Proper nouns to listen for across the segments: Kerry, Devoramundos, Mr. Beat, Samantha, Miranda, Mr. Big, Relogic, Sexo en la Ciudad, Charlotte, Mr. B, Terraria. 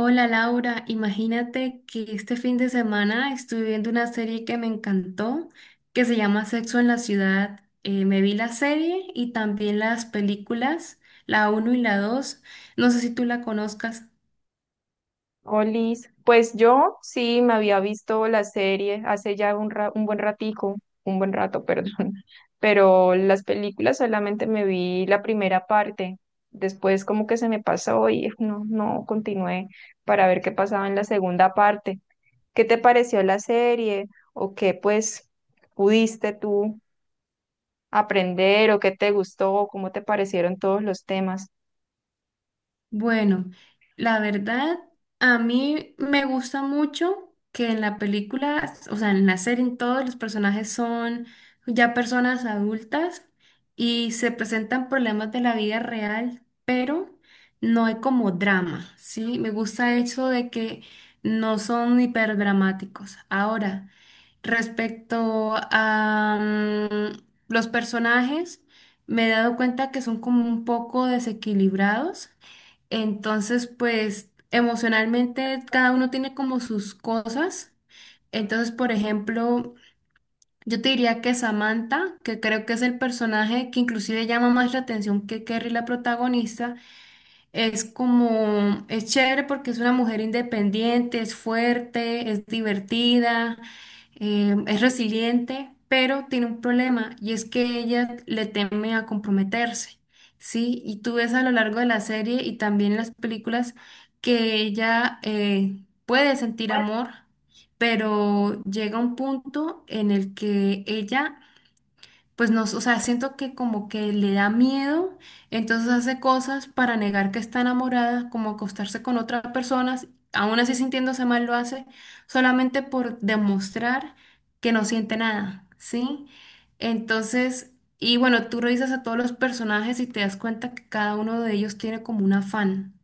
Hola Laura, imagínate que este fin de semana estuve viendo una serie que me encantó, que se llama Sexo en la Ciudad. Me vi la serie y también las películas, la uno y la 2. No sé si tú la conozcas. Olis, pues yo sí me había visto la serie hace ya un buen ratico, un buen rato, perdón. Pero las películas solamente me vi la primera parte, después como que se me pasó y no continué para ver qué pasaba en la segunda parte. ¿Qué te pareció la serie o qué pues pudiste tú aprender o qué te gustó, cómo te parecieron todos los temas? Bueno, la verdad, a mí me gusta mucho que en la película, o sea, en la serie, en todos los personajes son ya personas adultas y se presentan problemas de la vida real, pero no hay como drama, ¿sí? Me gusta eso de que no son hiperdramáticos. Ahora, respecto a los personajes, me he dado cuenta que son como un poco desequilibrados. Entonces, pues emocionalmente cada uno tiene como sus cosas. Entonces, por ejemplo, yo te diría que Samantha, que creo que es el personaje que inclusive llama más la atención que Kerry, la protagonista, es como, es chévere porque es una mujer independiente, es fuerte, es divertida, es resiliente, pero tiene un problema y es que ella le teme a comprometerse, ¿sí? Y tú ves a lo largo de la serie y también en las películas que ella puede sentir amor, pero llega un punto en el que ella pues no, o sea, siento que como que le da miedo, entonces hace cosas para negar que está enamorada, como acostarse con otras personas, aún así sintiéndose mal lo hace, solamente por demostrar que no siente nada, ¿sí? Entonces, y bueno, tú revisas a todos los personajes y te das cuenta que cada uno de ellos tiene como un afán.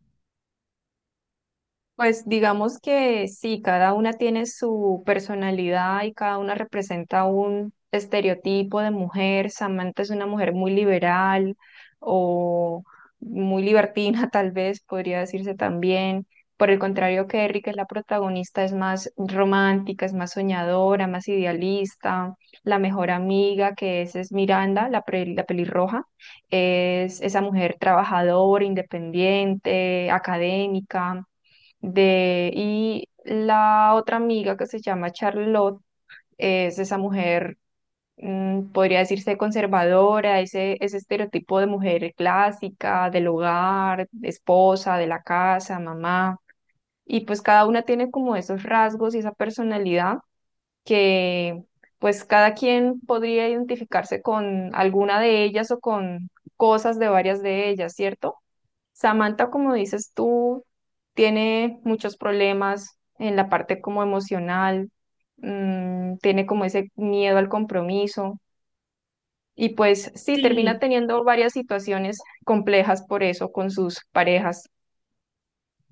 Pues digamos que sí, cada una tiene su personalidad y cada una representa un estereotipo de mujer. Samantha es una mujer muy liberal o muy libertina, tal vez podría decirse también. Por el contrario, Kerry, que es la protagonista, es más romántica, es más soñadora, más idealista. La mejor amiga que es Miranda, la pelirroja, es esa mujer trabajadora, independiente, académica de, y la otra amiga que se llama Charlotte es esa mujer, podría decirse conservadora, ese estereotipo de mujer clásica, del hogar, de esposa, de la casa, mamá. Y pues cada una tiene como esos rasgos y esa personalidad que pues cada quien podría identificarse con alguna de ellas o con cosas de varias de ellas, ¿cierto? Samantha, como dices tú, tiene muchos problemas en la parte como emocional. Tiene como ese miedo al compromiso y pues sí, termina Sí, teniendo varias situaciones complejas por eso con sus parejas.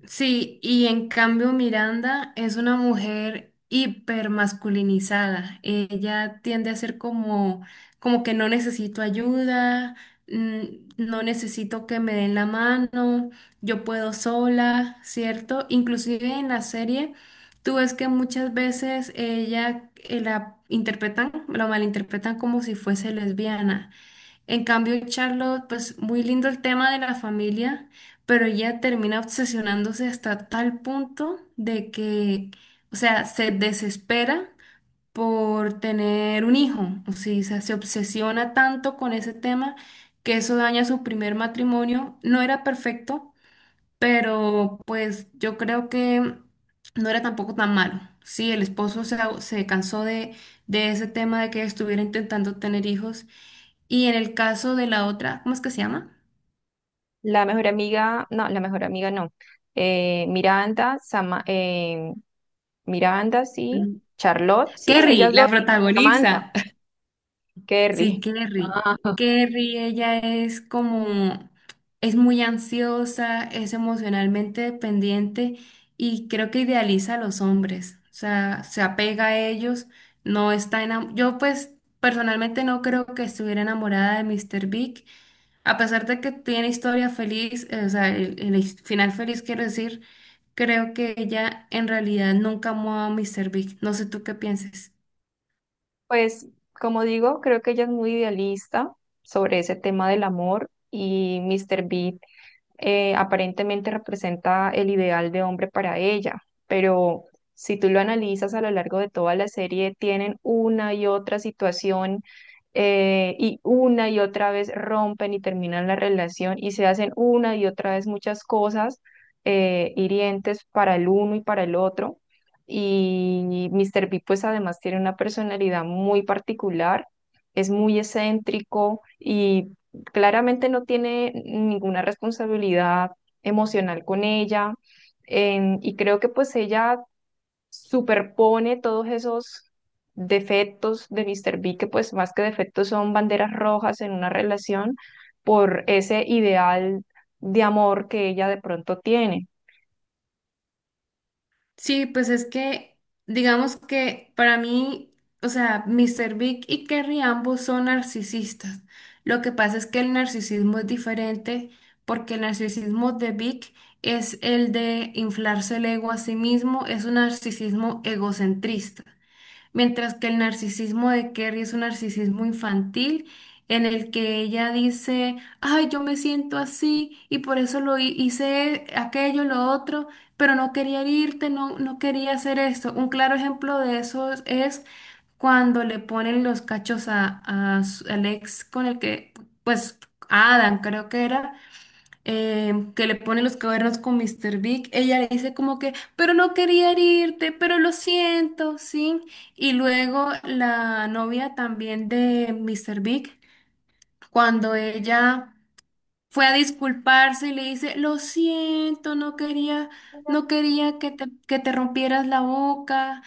sí, y en cambio Miranda es una mujer hipermasculinizada. Ella tiende a ser como, como que no necesito ayuda, mm, no necesito que me den la mano, yo puedo sola, ¿cierto? Inclusive en la serie, tú ves que muchas veces ella la interpretan, la malinterpretan como si fuese lesbiana. En cambio, Charlotte, pues muy lindo el tema de la familia, pero ella termina obsesionándose hasta tal punto de que, o sea, se desespera por tener un hijo, o sí, o sea, se obsesiona tanto con ese tema que eso daña su primer matrimonio. No era perfecto, pero pues yo creo que no era tampoco tan malo. Sí, el esposo se cansó de ese tema de que estuviera intentando tener hijos. Y en el caso de la otra, ¿cómo es que se llama? La mejor amiga, no, la mejor amiga no. Miranda, Miranda, sí, Mm. Charlotte, sí, Kerry, ellas dos, la protagonista. Samantha, Sí, Kerry. Kerry. Kerry, ella es como, es muy ansiosa, es emocionalmente dependiente y creo que idealiza a los hombres, o sea, se apega a ellos, no está enamorada. Yo pues personalmente no creo que estuviera enamorada de Mr. Big, a pesar de que tiene historia feliz, o sea, final feliz quiero decir, creo que ella en realidad nunca amó a Mr. Big. No sé tú qué pienses. Pues, como digo, creo que ella es muy idealista sobre ese tema del amor y Mr. Beat aparentemente representa el ideal de hombre para ella, pero si tú lo analizas a lo largo de toda la serie, tienen una y otra situación y una y otra vez rompen y terminan la relación y se hacen una y otra vez muchas cosas hirientes para el uno y para el otro. Y Mr. B pues además tiene una personalidad muy particular, es muy excéntrico y claramente no tiene ninguna responsabilidad emocional con ella. Y creo que pues ella superpone todos esos defectos de Mr. B, que pues más que defectos son banderas rojas en una relación por ese ideal de amor que ella de pronto tiene. Sí, pues es que, digamos que para mí, o sea, Mr. Big y Kerry ambos son narcisistas. Lo que pasa es que el narcisismo es diferente porque el narcisismo de Big es el de inflarse el ego a sí mismo, es un narcisismo egocentrista mientras que el narcisismo de Kerry es un narcisismo infantil en el que ella dice, ay, yo me siento así y por eso hice aquello, lo otro, pero no quería herirte, no, no quería hacer esto. Un claro ejemplo de eso es cuando le ponen los cachos al ex con el que, pues, a Adam creo que era que le pone los cuernos con Mr. Big, ella le dice como que, pero no quería herirte, pero lo siento, ¿sí? Y luego la novia también de Mr. Big, cuando ella fue a disculparse y le dice, lo siento, no quería, no quería que te rompieras la boca.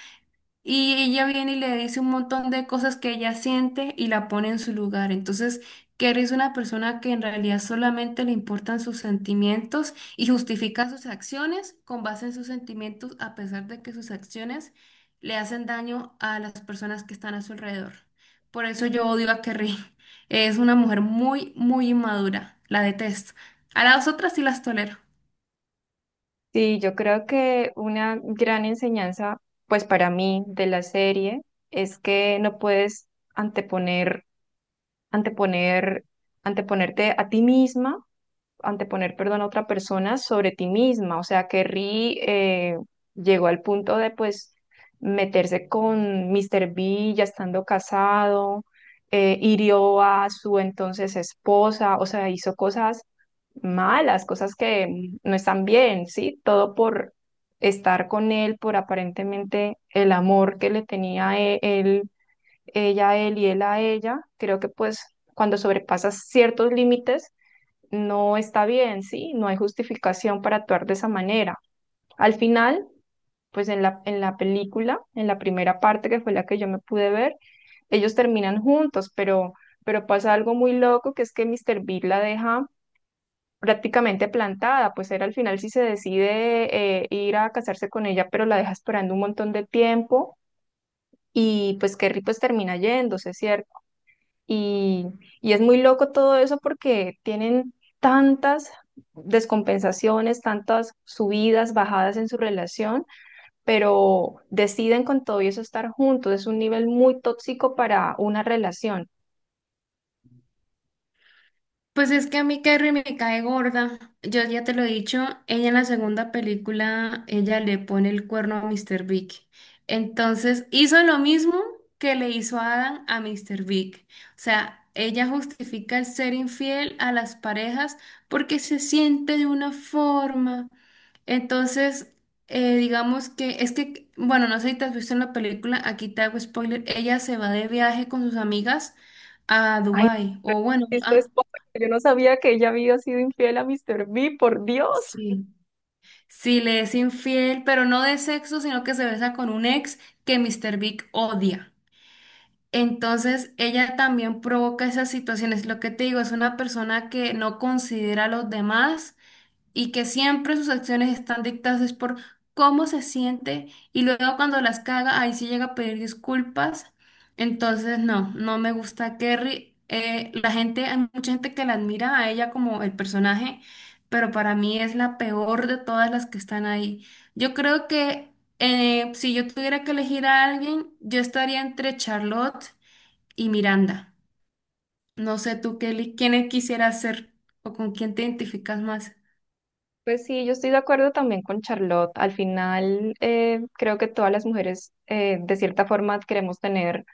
Y ella viene y le dice un montón de cosas que ella siente y la pone en su lugar. Entonces, que eres una persona que en realidad solamente le importan sus sentimientos y justifica sus acciones con base en sus sentimientos, a pesar de que sus acciones le hacen daño a las personas que están a su alrededor. Por eso yo odio a Kerry. Es una mujer muy, muy inmadura. La detesto. A las otras sí las tolero. Sí, yo creo que una gran enseñanza pues para mí de la serie es que no puedes anteponer anteponer, anteponerte a ti misma, anteponer, perdón, a otra persona sobre ti misma. O sea, que Ri llegó al punto de, pues, meterse con Mr. B ya estando casado, hirió a su entonces esposa, o sea, hizo cosas malas, cosas que no están bien, ¿sí? Todo por estar con él, por aparentemente el amor que él ella a él y él a ella, creo que pues cuando sobrepasas ciertos límites no está bien, ¿sí? No hay justificación para actuar de esa manera. Al final, pues en la película, en la primera parte que fue la que yo me pude ver, ellos terminan juntos, pero pasa algo muy loco que es que Mr. Big la deja prácticamente plantada, pues él al final sí se decide ir a casarse con ella, pero la deja esperando un montón de tiempo y pues Kerry pues termina yéndose, ¿cierto? Y, y es muy loco todo eso porque tienen tantas descompensaciones, tantas subidas, bajadas en su relación, pero deciden con todo y eso estar juntos. Es un nivel muy tóxico para una relación. Pues es que a mí Carrie me cae gorda. Yo ya te lo he dicho, ella en la segunda película, ella le pone el cuerno a Mr. Big. Entonces hizo lo mismo que le hizo Adam a Mr. Big. O sea, ella justifica el ser infiel a las parejas porque se siente de una forma. Entonces, digamos que es que, bueno, no sé si te has visto en la película, aquí te hago spoiler, ella se va de viaje con sus amigas a Ay, Dubái, o bueno, este es a- pobre, yo no sabía que ella había sido infiel a Mr. B, por Dios. Sí. Sí, le es infiel, pero no de sexo, sino que se besa con un ex que Mr. Big odia. Entonces, ella también provoca esas situaciones. Lo que te digo, es una persona que no considera a los demás y que siempre sus acciones están dictadas es por cómo se siente y luego cuando las caga, ahí sí llega a pedir disculpas. Entonces, no, no me gusta a Kerry. La gente, hay mucha gente que la admira a ella como el personaje, pero para mí es la peor de todas las que están ahí. Yo creo que si yo tuviera que elegir a alguien, yo estaría entre Charlotte y Miranda. No sé tú, Kelly, quién quisieras ser o con quién te identificas más. Pues sí, yo estoy de acuerdo también con Charlotte. Al final, creo que todas las mujeres, de cierta forma, queremos tener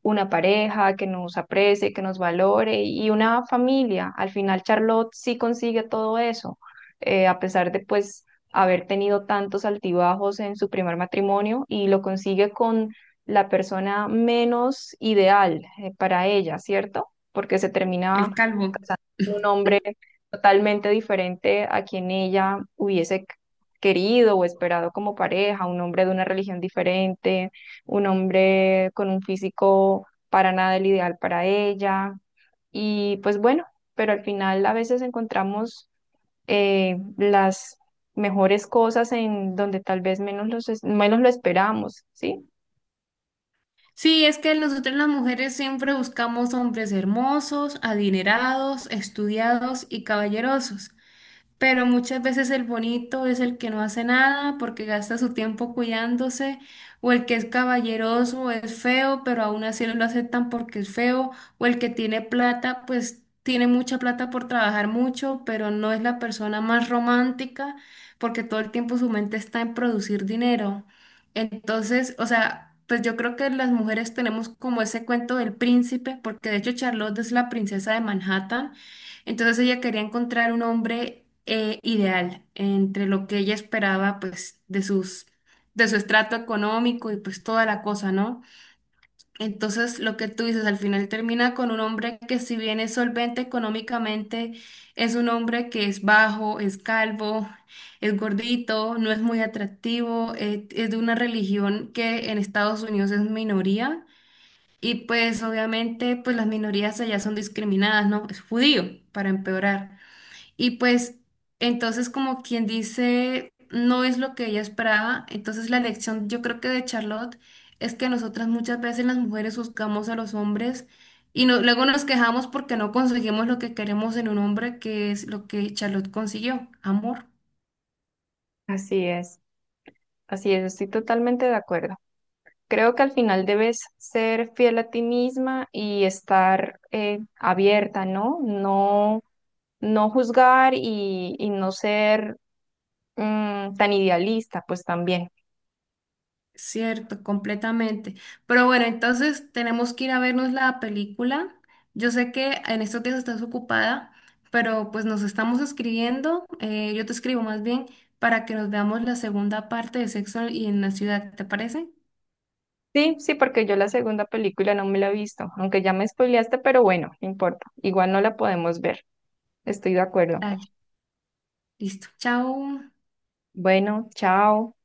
una pareja que nos aprecie, que nos valore y una familia. Al final Charlotte sí consigue todo eso, a pesar de pues haber tenido tantos altibajos en su primer matrimonio y lo consigue con la persona menos ideal para ella, ¿cierto? Porque se termina El calvo. casando con un hombre totalmente diferente a quien ella hubiese querido o esperado como pareja, un hombre de una religión diferente, un hombre con un físico para nada el ideal para ella. Y pues bueno, pero al final a veces encontramos las mejores cosas en donde tal vez menos lo esperamos, ¿sí? Sí, es que nosotros las mujeres siempre buscamos hombres hermosos, adinerados, estudiados y caballerosos. Pero muchas veces el bonito es el que no hace nada porque gasta su tiempo cuidándose, o el que es caballeroso, o es feo, pero aún así no lo aceptan porque es feo, o el que tiene plata, pues tiene mucha plata por trabajar mucho, pero no es la persona más romántica porque todo el tiempo su mente está en producir dinero. Entonces, o sea, pues yo creo que las mujeres tenemos como ese cuento del príncipe, porque de hecho Charlotte es la princesa de Manhattan entonces ella quería encontrar un hombre ideal entre lo que ella esperaba, pues, de su estrato económico y pues toda la cosa, ¿no? Entonces lo que tú dices al final termina con un hombre que si bien es solvente económicamente, es un hombre que es bajo, es calvo, es gordito, no es muy atractivo, es de una religión que en Estados Unidos es minoría. Y pues obviamente pues las minorías allá son discriminadas, ¿no? Es judío, para empeorar. Y pues entonces como quien dice, no es lo que ella esperaba. Entonces la lección yo creo que de Charlotte es que nosotras muchas veces las mujeres buscamos a los hombres y luego nos quejamos porque no conseguimos lo que queremos en un hombre, que es lo que Charlotte consiguió, amor. Así es, así es, estoy totalmente de acuerdo. Creo que al final debes ser fiel a ti misma y estar abierta, ¿no? No, no juzgar y no ser tan idealista, pues también. Cierto, completamente. Pero bueno, entonces tenemos que ir a vernos la película. Yo sé que en estos días estás ocupada, pero pues nos estamos escribiendo, yo te escribo más bien, para que nos veamos la segunda parte de Sexo y en la ciudad, ¿te parece? Sí, sí, porque yo la segunda película no me la he visto, aunque ya me spoileaste, pero bueno, no importa, igual no la podemos ver. Estoy de acuerdo. Dale, listo. Chao. Bueno, chao.